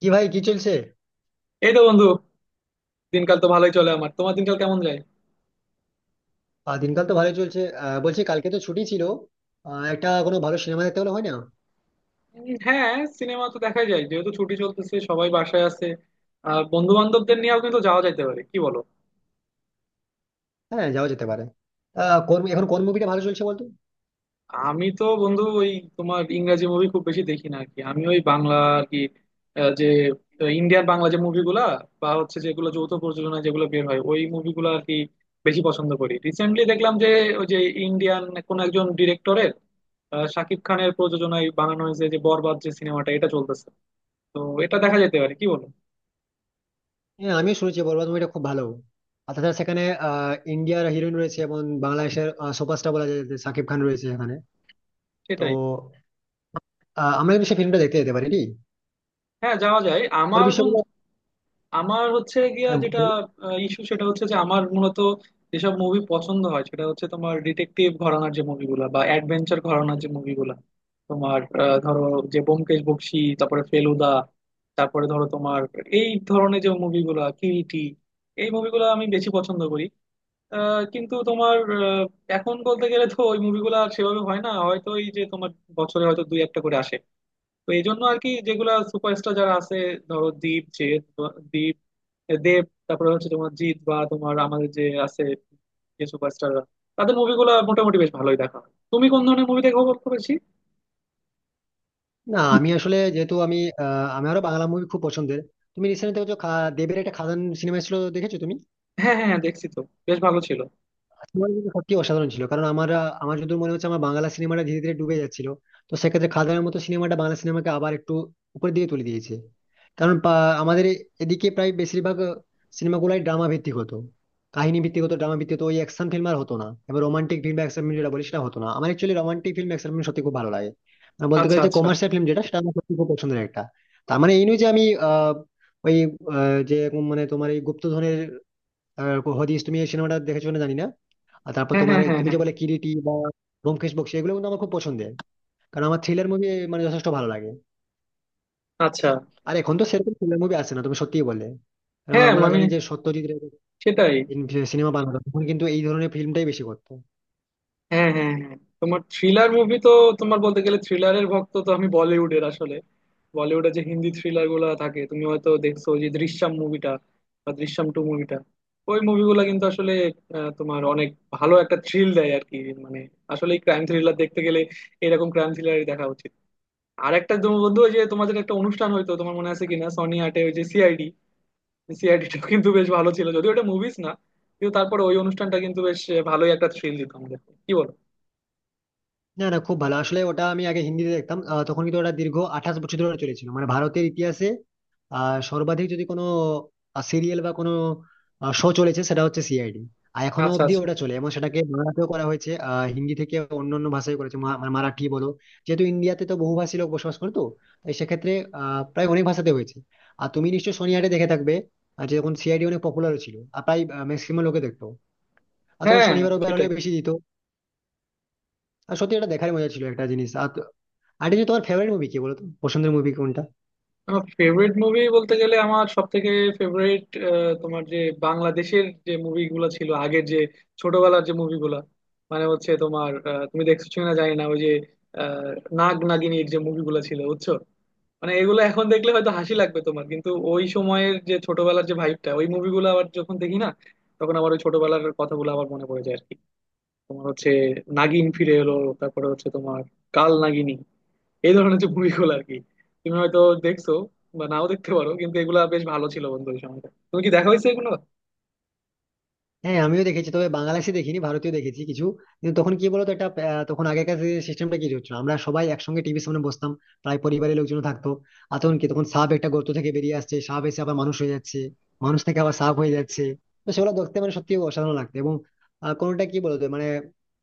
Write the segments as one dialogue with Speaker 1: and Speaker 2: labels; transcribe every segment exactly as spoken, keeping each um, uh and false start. Speaker 1: কি ভাই, কি চলছে?
Speaker 2: এই তো বন্ধু। দিনকাল তো ভালোই চলে, আমার। তোমার দিনকাল কেমন যায়?
Speaker 1: আহ, দিনকাল তো ভালোই চলছে। আহ, বলছি কালকে তো ছুটি ছিল। আহ, একটা কোনো ভালো সিনেমা দেখতে হলে হয় না?
Speaker 2: উম, হ্যাঁ, সিনেমা তো দেখাই যায়, যেহেতু ছুটি চলতেছে সবাই বাসায় আছে। আর বন্ধু বান্ধবদের নিয়েও কিন্তু যাওয়া যাইতে পারে, কি বলো?
Speaker 1: হ্যাঁ, যাওয়া যেতে পারে। আহ, কোন এখন কোন মুভিটা ভালো চলছে বলতো?
Speaker 2: আমি তো বন্ধু ওই, তোমার ইংরাজি মুভি খুব বেশি দেখি না আর কি। আমি ওই বাংলা আর কি, আহ, যে ইন্ডিয়ান বাংলা যে মুভিগুলা, বা হচ্ছে যেগুলো যৌথ প্রযোজনায় যেগুলো বের হয় ওই মুভিগুলো আর কি বেশি পছন্দ করি। রিসেন্টলি দেখলাম যে ওই যে ইন্ডিয়ান কোন একজন ডিরেক্টরের, শাকিব খানের প্রযোজনায় বানানো হয়েছে, যে বরবাদ যে সিনেমাটা এটা চলতেছে। তো এটা দেখা যেতে পারে, কি বলো?
Speaker 1: হ্যাঁ, আমিও শুনেছি বরবাদ মুভিটা খুব ভালো। আর তাছাড়া সেখানে আহ ইন্ডিয়ার হিরোইন রয়েছে এবং বাংলাদেশের সুপারস্টার বলা যায় যে শাকিব খান রয়েছে এখানে। তো
Speaker 2: সেটাই।
Speaker 1: আহ, আমরা কিন্তু সেই ফিল্মটা দেখতে যেতে পারি কি?
Speaker 2: হ্যাঁ, যাওয়া যায়
Speaker 1: ওর
Speaker 2: আমার
Speaker 1: বিষয়গুলো।
Speaker 2: বন্ধু। আমার হচ্ছে গিয়া
Speaker 1: হ্যাঁ,
Speaker 2: যেটা
Speaker 1: বল।
Speaker 2: ইস্যু, সেটা হচ্ছে যে আমার মূলত যেসব মুভি পছন্দ হয় সেটা হচ্ছে তোমার ডিটেকটিভ ঘরানার যে মুভিগুলা, বা অ্যাডভেঞ্চার ঘরানার যে মুভিগুলা। তোমার আহ, ধরো, যে ব্যোমকেশ বক্সী, তারপরে ফেলুদা, তারপরে ধরো তোমার এই ধরনের যে মুভিগুলা, কিরিটি, এই মুভিগুলো আমি বেশি পছন্দ করি। আহ, কিন্তু তোমার আহ, এখন বলতে গেলে তো ওই মুভিগুলো আর সেভাবে হয় না হয়তো। এই যে তোমার বছরে হয়তো দুই একটা করে আসে। তো এই জন্য আর কি, যেগুলা সুপারস্টার যারা আছে, ধরো দীপ যে দীপ দেব, তারপরে হচ্ছে তোমার জিৎ, বা তোমার আমাদের যে আছে যে সুপারস্টাররা, তাদের মুভিগুলো মোটামুটি বেশ ভালোই দেখা হয়। তুমি কোন ধরনের মুভি দেখো বলতে বেশি?
Speaker 1: না, আমি আসলে যেহেতু আমি আহ, আমারও বাংলা মুভি খুব পছন্দের। তুমি রিসেন্ট দেখেছো খা- দেবের একটা খাদান সিনেমা ছিল, দেখেছো তুমি?
Speaker 2: হ্যাঁ হ্যাঁ হ্যাঁ, দেখছি তো। বেশ ভালো ছিল।
Speaker 1: তোমার কিন্তু সত্যি অসাধারণ ছিল, কারণ আমরা আমার যদি মনে হচ্ছে আমার বাংলা সিনেমাটা ধীরে ধীরে ডুবে যাচ্ছিল। তো সেক্ষেত্রে খাদানের মতো সিনেমাটা বাংলা সিনেমাকে আবার একটু উপরের দিকে তুলে দিয়েছে। কারণ পা- আমাদের এদিকে প্রায় বেশিরভাগ সিনেমাগুলাই ড্রামা ভিত্তিক হতো, কাহিনী ভিত্তিক হতো, ড্রামা ভিত্তিক হতো, ওই অ্যাকশন ফিল্ম আর হতো না। এবার রোমান্টিক ফিল্ম বা অ্যাকশন ফিল্ম যেটা বলি সেটা হতো না। আমার actually romantic film action film সত্যি খুব ভালো লাগে। মানে বলতে
Speaker 2: আচ্ছা
Speaker 1: গেলে যে
Speaker 2: আচ্ছা।
Speaker 1: কমার্শিয়াল ফিল্ম যেটা, সেটা আমার সত্যি খুব পছন্দের একটা। তার মানে এই নয় যে আমি আহ ওই আহ, যে মানে তোমার এই গুপ্তধনের আহ, হদিস, তুমি এই সিনেমাটা দেখেছো না জানি না। আর তারপর
Speaker 2: হ্যাঁ
Speaker 1: তোমার
Speaker 2: হ্যাঁ
Speaker 1: এই-
Speaker 2: হ্যাঁ
Speaker 1: তুমি
Speaker 2: হ্যাঁ।
Speaker 1: যে বলে কিরিটি বা ব্যোমকেশ বক্সী, এগুলো কিন্তু আমার খুব পছন্দের। কারণ আমার থ্রিলার মুভি মানে যথেষ্ট ভালো লাগে।
Speaker 2: আচ্ছা।
Speaker 1: আর এখন তো সেরকম থ্রিলার মুভি আসে না, তুমি সত্যিই বলে। কারণ
Speaker 2: হ্যাঁ
Speaker 1: আমরা
Speaker 2: মানে,
Speaker 1: জানি যে সত্যজিৎ রে
Speaker 2: সেটাই।
Speaker 1: সিনেমা বানাতো তখন কিন্তু এই ধরনের ফিল্মটাই বেশি করতো।
Speaker 2: হ্যাঁ হ্যাঁ হ্যাঁ, তোমার থ্রিলার মুভি তো, তোমার বলতে গেলে থ্রিলারের ভক্ত তো। আমি বলিউডের আসলে, বলিউডে যে হিন্দি থ্রিলার গুলো থাকে, তুমি হয়তো দেখছো যে দৃশ্যম মুভিটা, বা দৃশ্যম টু মুভিটা, ওই মুভিগুলো কিন্তু আসলে আহ, তোমার অনেক ভালো একটা থ্রিল দেয় আর কি। মানে আসলে ক্রাইম থ্রিলার দেখতে গেলে এরকম ক্রাইম থ্রিলারই দেখা উচিত। আর একটা তুমি বন্ধু, ওই যে তোমাদের একটা অনুষ্ঠান, হয়তো তোমার মনে আছে কিনা, সনি আটে ওই যে সিআইডি। সিআইডিটা কিন্তু বেশ ভালো ছিল, যদিও এটা মুভিস না, কিন্তু তারপরে ওই অনুষ্ঠানটা কিন্তু বেশ ভালোই একটা থ্রিল দিত আমাদের, কি বলো?
Speaker 1: না না, খুব ভালো, আসলে ওটা আমি আগে হিন্দিতে দেখতাম। আহ, তখন কিন্তু ওটা দীর্ঘ আঠাশ বছর ধরে চলেছিল, মানে ভারতের ইতিহাসে আহ সর্বাধিক যদি কোনো সিরিয়াল বা কোনো শো চলেছে সেটা হচ্ছে সিআইডি। আর এখনো
Speaker 2: আচ্ছা
Speaker 1: অব্দি
Speaker 2: আচ্ছা।
Speaker 1: ওটা চলে এবং সেটাকে বাংলাতেও করা হয়েছে। আহ, হিন্দি থেকে অন্য অন্য ভাষায় করেছে, মা- মানে মারাঠি বলো, যেহেতু ইন্ডিয়াতে তো বহুভাষী লোক বসবাস করতো, তাই সেক্ষেত্রে আহ, প্রায় অনেক ভাষাতে হয়েছে। আর তুমি নিশ্চয়ই শনিবারে দেখে থাকবে। আর যে যখন সিআইডি অনেক পপুলার ছিল আর প্রায় ম্যাক্সিমাম লোকে দেখতো, আর তখন
Speaker 2: হ্যাঁ,
Speaker 1: শনিবার রবিবার হলে
Speaker 2: সেটাই।
Speaker 1: বেশি দিত। আর সত্যি এটা দেখার মজা ছিল, একটা জিনিস। আর যে তোমার ফেভারিট মুভি কি বলতো, পছন্দের মুভি কোনটা?
Speaker 2: আমার ফেভারিট মুভি বলতে গেলে, আমার সব থেকে ফেভারিট তোমার যে বাংলাদেশের যে মুভিগুলো ছিল আগের, যে ছোটবেলার যে মুভিগুলা। মানে হচ্ছে তোমার আহ, তুমি দেখছো কিনা জানি না, ওই যে আহ, নাগ নাগিনীর যে মুভিগুলো ছিল বুঝছো। মানে এগুলো এখন দেখলে হয়তো হাসি লাগবে তোমার, কিন্তু ওই সময়ের যে ছোটবেলার যে ভাইবটা, ওই মুভিগুলো আবার যখন দেখি না, তখন আবার ওই ছোটবেলার কথাগুলো আবার মনে পড়ে যায় আর কি। তোমার হচ্ছে নাগিন ফিরে এলো, তারপরে হচ্ছে তোমার কাল নাগিনী, এই ধরনের যে মুভিগুলো আর কি। তুমি হয়তো দেখছো, বা নাও দেখতে পারো, কিন্তু এগুলা বেশ ভালো ছিল বন্ধু, ওই সময়টা। তুমি কি দেখা হয়েছে এগুলো?
Speaker 1: হ্যাঁ, আমিও দেখেছি, তবে বাংলাদেশি দেখিনি, ভারতীয় দেখেছি কিছু। কিন্তু তখন কি বলতো, একটা আহ, তখন আগেকার সিস্টেমটা কি হচ্ছিল, আমরা সবাই একসঙ্গে টিভির সামনে বসতাম, প্রায় পরিবারের লোকজন থাকতো। আর তখন কি, তখন সাপ একটা গর্ত থেকে বেরিয়ে আসছে, সাপ এসে আবার মানুষ হয়ে যাচ্ছে, মানুষ থেকে আবার সাপ হয়ে যাচ্ছে। তো সেগুলো দেখতে মানে সত্যি অসাধারণ লাগতো। এবং আহ, কোনোটা কি বলতো, মানে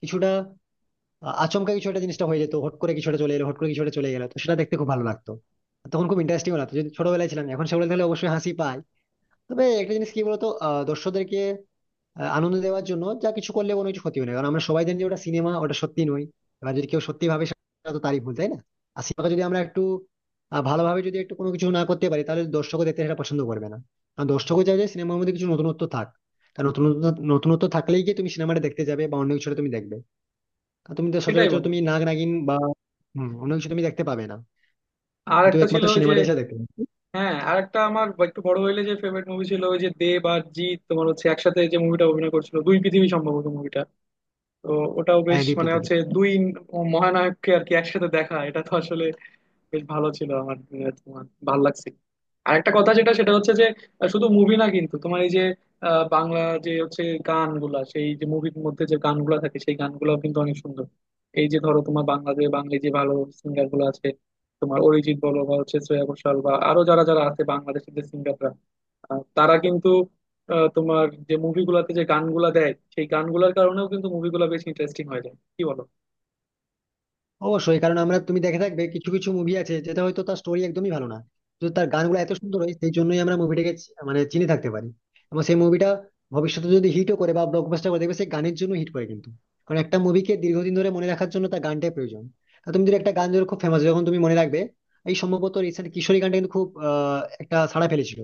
Speaker 1: কিছুটা আহ, আচমকা কিছু একটা জিনিসটা হয়ে যেত, হট করে কিছুটা চলে এলো, হট করে কিছুটা চলে গেলো, তো সেটা দেখতে খুব ভালো লাগতো। তখন খুব ইন্টারেস্টিং লাগতো, যদি ছোটবেলায় ছিলাম। এখন সেগুলো দেখলে অবশ্যই হাসি পায়। তবে একটা জিনিস কি বলতো, আহ, দর্শকদেরকে আহ, আনন্দ দেওয়ার জন্য যা কিছু করলে কোনো কিছু ক্ষতি হয় না, কারণ আমরা সবাই জানি যে ওটা সিনেমা, ওটা সত্যি নয়। এবার যদি কেউ সত্যি ভাবে, সেটা তো তারই ভুল, তাই না? আর সিনেমাকে যদি আমরা একটু আহ, ভালোভাবে যদি একটু কোনো কিছু না করতে পারি, তাহলে দর্শকও দেখতে সেটা পছন্দ করবে না। কারণ দর্শকও চাই যে সিনেমার মধ্যে কিছু নতুনত্ব থাক। কারণ নতুনত্ব নতুনত্ব থাকলেই গিয়ে তুমি সিনেমাটা দেখতে যাবে বা অন্য কিছুটা তুমি দেখবে। কারণ তুমি তো
Speaker 2: সেটাই
Speaker 1: সচরাচর
Speaker 2: বন্ধু।
Speaker 1: তুমি নাগ নাগিন বা হম অন্য কিছু তুমি দেখতে পাবে না,
Speaker 2: আর
Speaker 1: কিন্তু
Speaker 2: একটা ছিল
Speaker 1: একমাত্র
Speaker 2: ওই যে,
Speaker 1: সিনেমাটাই এসে দেখতে পাবে।
Speaker 2: হ্যাঁ আর একটা আমার একটু বড় হইলে যে ফেভারিট মুভি ছিল, ওই যে দেব আর জিৎ তোমার হচ্ছে একসাথে যে মুভিটা অভিনয় করছিল, দুই পৃথিবী সম্ভবত মুভিটা। তো ওটাও
Speaker 1: হ্যাঁ,
Speaker 2: বেশ,
Speaker 1: দুই
Speaker 2: মানে
Speaker 1: পৃথিবী।
Speaker 2: হচ্ছে দুই মহানায়ককে আর কি একসাথে দেখা, এটা তো আসলে বেশ ভালো ছিল আমার। আহ, তোমার ভালো লাগছে। আরেকটা কথা যেটা সেটা হচ্ছে যে আহ, শুধু মুভি না, কিন্তু তোমার এই যে আহ, বাংলা যে হচ্ছে গানগুলা, সেই যে মুভির মধ্যে যে গানগুলা থাকে, সেই গানগুলাও কিন্তু অনেক সুন্দর। এই যে ধরো তোমার বাংলাদেশ বাঙালি যে ভালো সিঙ্গার গুলো আছে, তোমার অরিজিৎ বলো, বা হচ্ছে শ্রেয়া ঘোষাল, বা আরো যারা যারা আছে বাংলাদেশের যে সিঙ্গাররা, তারা কিন্তু আহ, তোমার যে মুভিগুলাতে যে গানগুলা দেয়, সেই গানগুলার কারণেও কিন্তু মুভিগুলা বেশ ইন্টারেস্টিং হয়ে যায়, কি বলো?
Speaker 1: অবশ্যই, কারণ আমরা তুমি দেখে থাকবে কিছু কিছু মুভি আছে যেটা হয়তো তার স্টোরি একদমই ভালো না, তো তার গানগুলো এত সুন্দর হয় সেই জন্যই আমরা মুভিটাকে মানে চিনে থাকতে পারি। এবং সেই মুভিটা ভবিষ্যতে যদি হিটও করে বা ব্লকবাস্টার করে, দেখবে সেই গানের জন্য হিট করে কিন্তু। কারণ একটা মুভিকে দীর্ঘদিন ধরে মনে রাখার জন্য তার গানটাই প্রয়োজন। তা তুমি যদি একটা গান যখন খুব ফেমাস, যখন তুমি মনে রাখবে এই, সম্ভবত রিসেন্ট কিশোরী গানটা কিন্তু খুব আহ, একটা সাড়া ফেলেছিল,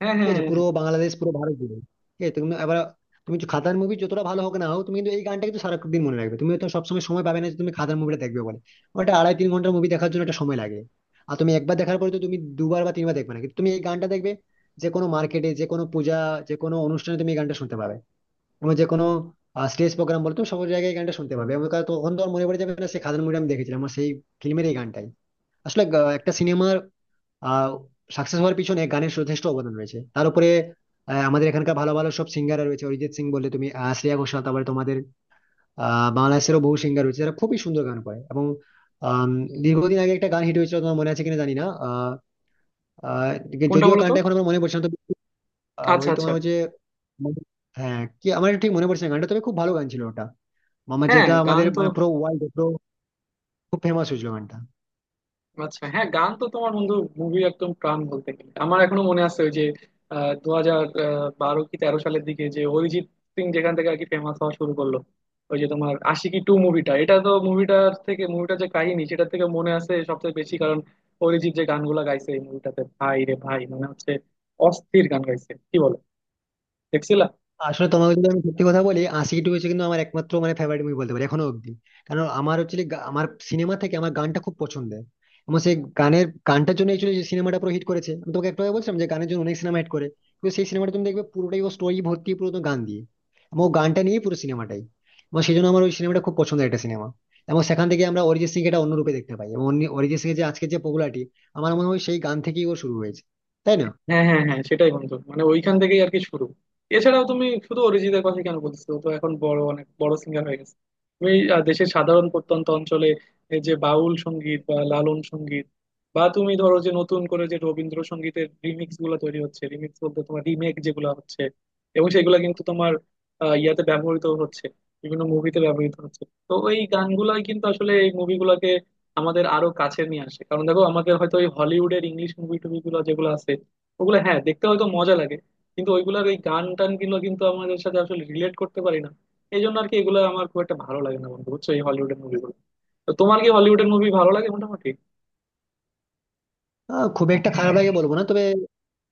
Speaker 2: হ্যাঁ
Speaker 1: ঠিক
Speaker 2: হ্যাঁ হ্যাঁ
Speaker 1: আছে,
Speaker 2: হ্যাঁ।
Speaker 1: পুরো বাংলাদেশ পুরো ভারত জুড়ে। ঠিক আছে তুমি এবার, তুমি যে খাদার মুভি যতটা ভালো হোক না হোক, তুমি কিন্তু এই গানটা কিন্তু সারাদিন মনে রাখবে। তুমি তো সবসময় সময় পাবে না যে তুমি খাদার মুভিটা দেখবে বলে। ওটা আড়াই তিন ঘন্টার মুভি, দেখার জন্য একটা সময় লাগে। আর তুমি একবার দেখার পরে তো তুমি দুবার বা তিনবার দেখবে না, কিন্তু তুমি এই গানটা দেখবে। যে কোনো মার্কেটে, যে কোনো পূজা, যে কোনো অনুষ্ঠানে তুমি এই গানটা শুনতে পাবে। এবং যে কোনো স্টেজ প্রোগ্রাম বলে তুমি সব জায়গায় এই গানটা শুনতে পাবে, এবং কারণ তখন তো আর মনে পড়ে যাবে না সেই খাদার মুভিটা আমি দেখেছিলাম আমার সেই ফিল্মের, এই গানটাই আসলে আহ, একটা সিনেমার আহ সাকসেস হওয়ার পিছনে গানের যথেষ্ট অবদান রয়েছে। তার উপরে আহ, আমাদের এখানকার ভালো ভালো সব সিঙ্গার রয়েছে অরিজিৎ সিং বলে, তুমি আহ, শ্রেয়া ঘোষাল, তারপরে তোমাদের আহ বাংলাদেশেরও বহু সিঙ্গার রয়েছে যারা খুবই সুন্দর গান করে। এবং আম, দীর্ঘদিন আগে একটা গান হিট হয়েছিল, তোমার মনে আছে কিনা জানি না। আহ আহ,
Speaker 2: কোনটা
Speaker 1: যদিও
Speaker 2: বলো তো?
Speaker 1: গানটা এখন আমার মনে পড়ছে না, তবে আহ,
Speaker 2: আচ্ছা
Speaker 1: ওই তোমার
Speaker 2: আচ্ছা।
Speaker 1: হচ্ছে, হ্যাঁ কি, আমার ঠিক মনে পড়ছে না গানটা, তবে খুব ভালো গান ছিল ওটা। আমার
Speaker 2: হ্যাঁ
Speaker 1: যেটা
Speaker 2: গান
Speaker 1: আমাদের
Speaker 2: তো।
Speaker 1: মানে পুরো ওয়ার্ল্ড পুরো খুব ফেমাস হয়েছিল গানটা।
Speaker 2: আচ্ছা হ্যাঁ, গান তো তোমার বন্ধু মুভি একদম প্রাণ বলতে গেলে। আমার এখনো মনে আছে ওই যে দু হাজার বারো কি তেরো সালের দিকে, যে অরিজিৎ সিং যেখান থেকে আর কি ফেমাস হওয়া শুরু করলো, ওই যে তোমার আশিকি টু মুভিটা। এটা তো মুভিটার থেকে মুভিটার যে কাহিনী সেটা থেকে মনে আছে সবচেয়ে বেশি, কারণ অরিজিৎ যে গানগুলা গাইছে এই মুভিটাতে, ভাই রে ভাই, মানে হচ্ছে অস্থির গান গাইছে, কি বলো? দেখছিলা?
Speaker 1: আসলে তোমাকে যদি আমি সত্যি কথা বলি, আশিকি টু হচ্ছে কিন্তু আমার একমাত্র মানে ফেভারিট মুভি বলতে পারি এখনো অব্দি। কারণ আমার অ্যাকচুয়ালি আমার সিনেমা থেকে আমার গানটা খুব পছন্দের। এবং সেই গানের গানটার জন্য অ্যাকচুয়ালি যে সিনেমাটা পুরো হিট করেছে। আমি তোমাকে একটু আগে বলছিলাম যে গানের জন্য অনেক সিনেমা হিট করে, কিন্তু সেই সিনেমাটা তুমি দেখবে পুরোটাই ও স্টোরি ভর্তি পুরো তো গান দিয়ে। এবং ও গানটা নিয়ে পুরো সিনেমাটাই। এবং সেই জন্য আমার ওই সিনেমাটা খুব পছন্দের একটা সিনেমা। এবং সেখান থেকে আমরা অরিজিৎ সিং এটা অন্য রূপে দেখতে পাই, এবং অরিজিৎ সিং এর যে আজকে যে পপুলারিটি, আমার মনে হয় সেই গান থেকেই ওর শুরু হয়েছে, তাই না?
Speaker 2: হ্যাঁ হ্যাঁ হ্যাঁ, সেটাই বন্ধু, মানে ওইখান থেকেই আর কি শুরু। এছাড়াও তুমি শুধু অরিজিতের কথা কেন বলছো, ও তো এখন বড় অনেক বড় সিঙ্গার হয়ে গেছে। তুমি আহ, দেশের সাধারণ প্রত্যন্ত অঞ্চলে এই যে বাউল সঙ্গীত বা লালন সঙ্গীত, বা তুমি ধরো যে নতুন করে যে রবীন্দ্রসঙ্গীতের রিমিক্স গুলো তৈরি হচ্ছে, রিমিক্স বলতে তোমার রিমেক যেগুলো হচ্ছে, এবং সেগুলো কিন্তু তোমার আহ, ইয়াতে ব্যবহৃত হচ্ছে, বিভিন্ন মুভিতে ব্যবহৃত হচ্ছে। তো ওই গানগুলাই কিন্তু আসলে এই মুভিগুলোকে আমাদের আরো কাছে নিয়ে আসে, কারণ দেখো, আমাদের হয়তো ওই হলিউডের ইংলিশ মুভি টুভি গুলো যেগুলো আছে, ওগুলো হ্যাঁ দেখতে হয়তো মজা লাগে, কিন্তু ওইগুলার ওই গান টান গুলো কিন্তু আমাদের সাথে আসলে রিলেট করতে পারি না। এই জন্য আর কি এগুলো আমার খুব একটা ভালো লাগে না বন্ধু, বুঝছো এই হলিউডের মুভিগুলো। তো তোমার কি হলিউডের মুভি ভালো লাগে মোটামুটি?
Speaker 1: আহ, খুব একটা খারাপ লাগে বলবো না, তবে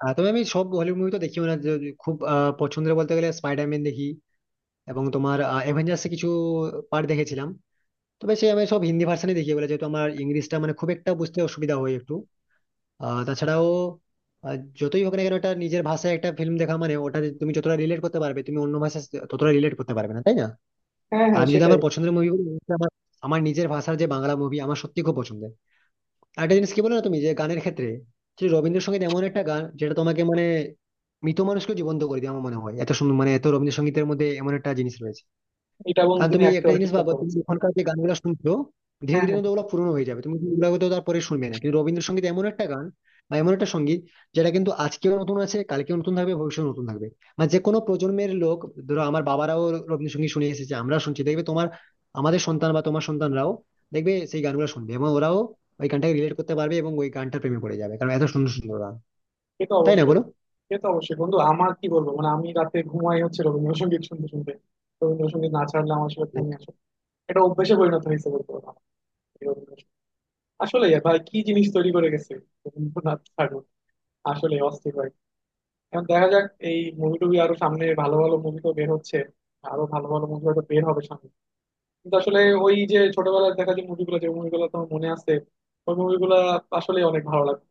Speaker 1: আহ, তবে আমি সব হলিউড মুভি তো দেখিও না, যে খুব আহ, পছন্দের বলতে গেলে স্পাইডারম্যান দেখি। এবং তোমার অ্যাভেঞ্জার্স কিছু পার্ট দেখেছিলাম। তবে সে আমি সব হিন্দি ভার্সানে দেখি বলে, যেহেতু আমার ইংলিশটা মানে খুব একটা বুঝতে অসুবিধা হয় একটু। আহ, তাছাড়াও আহ, যতই হোক না কেন একটা নিজের ভাষায় একটা ফিল্ম দেখা মানে ওটা তুমি যতটা রিলেট করতে পারবে, তুমি অন্য ভাষায় ততটা রিলেট করতে পারবে না, তাই না?
Speaker 2: হ্যাঁ
Speaker 1: আর
Speaker 2: হ্যাঁ,
Speaker 1: আমি যদি
Speaker 2: সেটাই।
Speaker 1: আমার পছন্দের মুভি বলি, আমার আমার নিজের ভাষার যে বাংলা মুভি আমার সত্যি খুব পছন্দের। আরেকটা জিনিস কি বলো না, তুমি যে গানের ক্ষেত্রে যে রবীন্দ্রসঙ্গীত এমন একটা গান যেটা তোমাকে মানে মৃত মানুষকে জীবন্ত করে দেয়, আমার মনে হয় এত সুন্দর, মানে এত রবীন্দ্রসঙ্গীতের মধ্যে এমন একটা জিনিস রয়েছে।
Speaker 2: এটা বন্ধু
Speaker 1: কারণ
Speaker 2: তুমি
Speaker 1: তুমি একটা
Speaker 2: একেবারে
Speaker 1: জিনিস
Speaker 2: ঠিক
Speaker 1: ভাবো,
Speaker 2: কথা
Speaker 1: তুমি
Speaker 2: বলছো।
Speaker 1: এখনকার যে গানগুলো শুনছো ধীরে
Speaker 2: হ্যাঁ
Speaker 1: ধীরে
Speaker 2: হ্যাঁ,
Speaker 1: কিন্তু ওগুলো পুরনো হয়ে যাবে, তুমি কিন্তু ওগুলো তো তারপরে শুনবে না। কিন্তু রবীন্দ্রসঙ্গীত এমন একটা গান বা এমন একটা সঙ্গীত যেটা কিন্তু আজকেও নতুন আছে, কালকেও নতুন থাকবে, ভবিষ্যতেও নতুন থাকবে। মানে যে কোনো প্রজন্মের লোক, ধরো আমার বাবারাও রবীন্দ্রসঙ্গীত শুনে এসেছে, আমরা শুনছি, দেখবে তোমার আমাদের সন্তান বা তোমার সন্তানরাও দেখবে সেই গানগুলো শুনবে, এবং ওরাও ওই গানটাকে রিলেট করতে পারবে এবং ওই গানটার প্রেমে পড়ে যাবে, কারণ এত সুন্দর সুন্দর গান,
Speaker 2: সে তো
Speaker 1: তাই না
Speaker 2: অবশ্যই।
Speaker 1: বলো?
Speaker 2: সে তো অবশ্যই বন্ধু। আমার কি বলবো, মানে আমি রাতে ঘুমাই হচ্ছে রবীন্দ্রসঙ্গীত শুনতে শুনতে, রবীন্দ্রসঙ্গীত না ছাড়লে আমার আসলে ঘুমিয়ে আসে। এটা অভ্যেসে পরিণত হয়েছে বলতে পারো আমার, এই রবীন্দ্রসঙ্গীত। আসলে ভাই কি জিনিস তৈরি করে গেছে রবীন্দ্রনাথ ঠাকুর, আসলে অস্থির ভাই। এখন দেখা যাক, এই মুভি টুভি আরো সামনে ভালো ভালো মুভি তো বের হচ্ছে, আরো ভালো ভালো মুভি হয়তো বের হবে সামনে। কিন্তু আসলে ওই যে ছোটবেলায় দেখা যে মুভিগুলো, যে মুভিগুলো তোমার মনে আছে, ওই মুভিগুলো আসলে অনেক ভালো লাগে।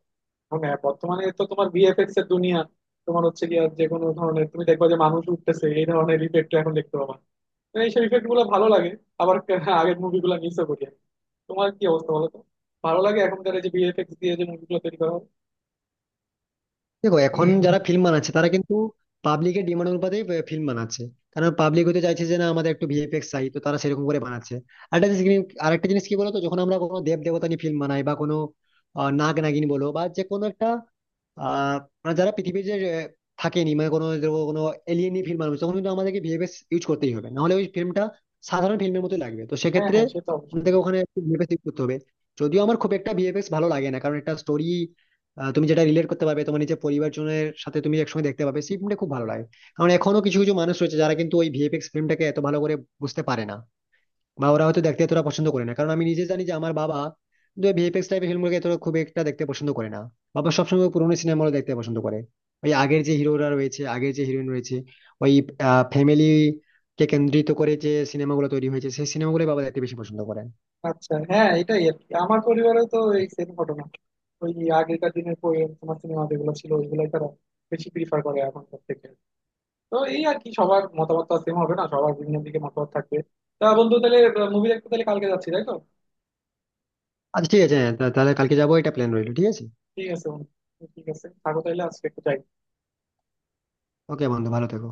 Speaker 2: এখন হ্যাঁ, বর্তমানে তো তোমার ভিএফএক্স এর দুনিয়া, তোমার হচ্ছে কি যে কোনো ধরনের তুমি দেখবা, যে মানুষ উঠতেছে এই ধরনের ইফেক্ট এখন দেখতে পাবা। মানে এইসব ইফেক্ট গুলো ভালো লাগে, আবার আগের মুভিগুলো মিসও করি আমি। তোমার কি অবস্থা বলো তো, ভালো লাগে এখনকার এই যে ভিএফএক্স দিয়ে যে মুভিগুলো তৈরি করা হয়?
Speaker 1: দেখো এখন যারা ফিল্ম বানাচ্ছে তারা কিন্তু পাবলিকের ডিমান্ড অনুপাতে ফিল্ম বানাচ্ছে। কারণ পাবলিক হতে চাইছে যে না আমাদের একটু ভিএফএক্স চাই, তো তারা সেরকম করে বানাচ্ছে। আরেকটা জিনিস কি- আরেকটা জিনিস কি বলতো, যখন আমরা কোনো দেব দেবতা নিয়ে ফিল্ম বানাই বা কোনো আহ, নাগ নাগিন বলো বা যে কোনো একটা আহ মানে যারা পৃথিবীর যে আহ, থাকেনি মানে কোনো ধরো কোনো এলিয়েনই ফিল্ম বানাবে, তখন কিন্তু আমাদেরকে ভিএফএক্স ইউজ করতেই হবে, নাহলে ওই ফিল্মটা সাধারণ ফিল্মের মতো লাগবে। তো
Speaker 2: হ্যাঁ
Speaker 1: সেক্ষেত্রে
Speaker 2: হ্যাঁ, সে তো অবশ্যই।
Speaker 1: আমাদেরকে ওখানে ভিএফএক্স ইউজ করতে হবে। যদিও আমার খুব একটা ভিএফএক্স ভালো লাগে না, কারণ একটা স্টোরি তুমি যেটা রিলেট করতে পারবে তোমার নিজের পরিবারজনের সাথে তুমি একসঙ্গে দেখতে পাবে, সেই ফিল্মটা খুব ভালো লাগে। কারণ এখনো কিছু কিছু মানুষ রয়েছে যারা কিন্তু ওই ভিএফএক্স ফিল্মটাকে এত ভালো করে বুঝতে পারে না, বা ওরা হয়তো দেখতে এতটা পছন্দ করে না, কারণ আমি নিজে জানি যে আমার বাবা কিন্তু ভিএফএক্স টাইপের ফিল্মগুলোকে এতটা খুব একটা দেখতে পছন্দ করে না। বাবা সবসময় পুরোনো সিনেমা দেখতে পছন্দ করে, ওই আগের যে হিরোরা রয়েছে, আগের যে হিরোইন রয়েছে, ওই ফ্যামিলি কে কেন্দ্রিত করে যে সিনেমাগুলো তৈরি হয়েছে সেই সিনেমাগুলো বাবা দেখতে বেশি পছন্দ করে।
Speaker 2: আচ্ছা হ্যাঁ, এটাই আর কি, আমার পরিবারেও তো এই সেম ঘটনা। ওই আগেকার দিনের পরি- তোমার সিনেমা যেগুলো ছিল, ওইগুলাই তারা বেশি প্রিফার করে এখনকার থেকে। তো এই আর কি, সবার মতামত তো সেম হবে না, সবার বিভিন্ন দিকে মতামত থাকবে। তা বন্ধু, তাহলে মুভি দেখতে তাহলে কালকে যাচ্ছি, তাই তো?
Speaker 1: আচ্ছা ঠিক আছে, হ্যাঁ তা- তাহলে কালকে যাবো, এটা প্ল্যান রইলো, ঠিক আছে।
Speaker 2: ঠিক আছে বন্ধু, ঠিক আছে, থাকো তাহলে, আজকে একটু যাই।
Speaker 1: ওকে বন্ধু, ভালো থেকো।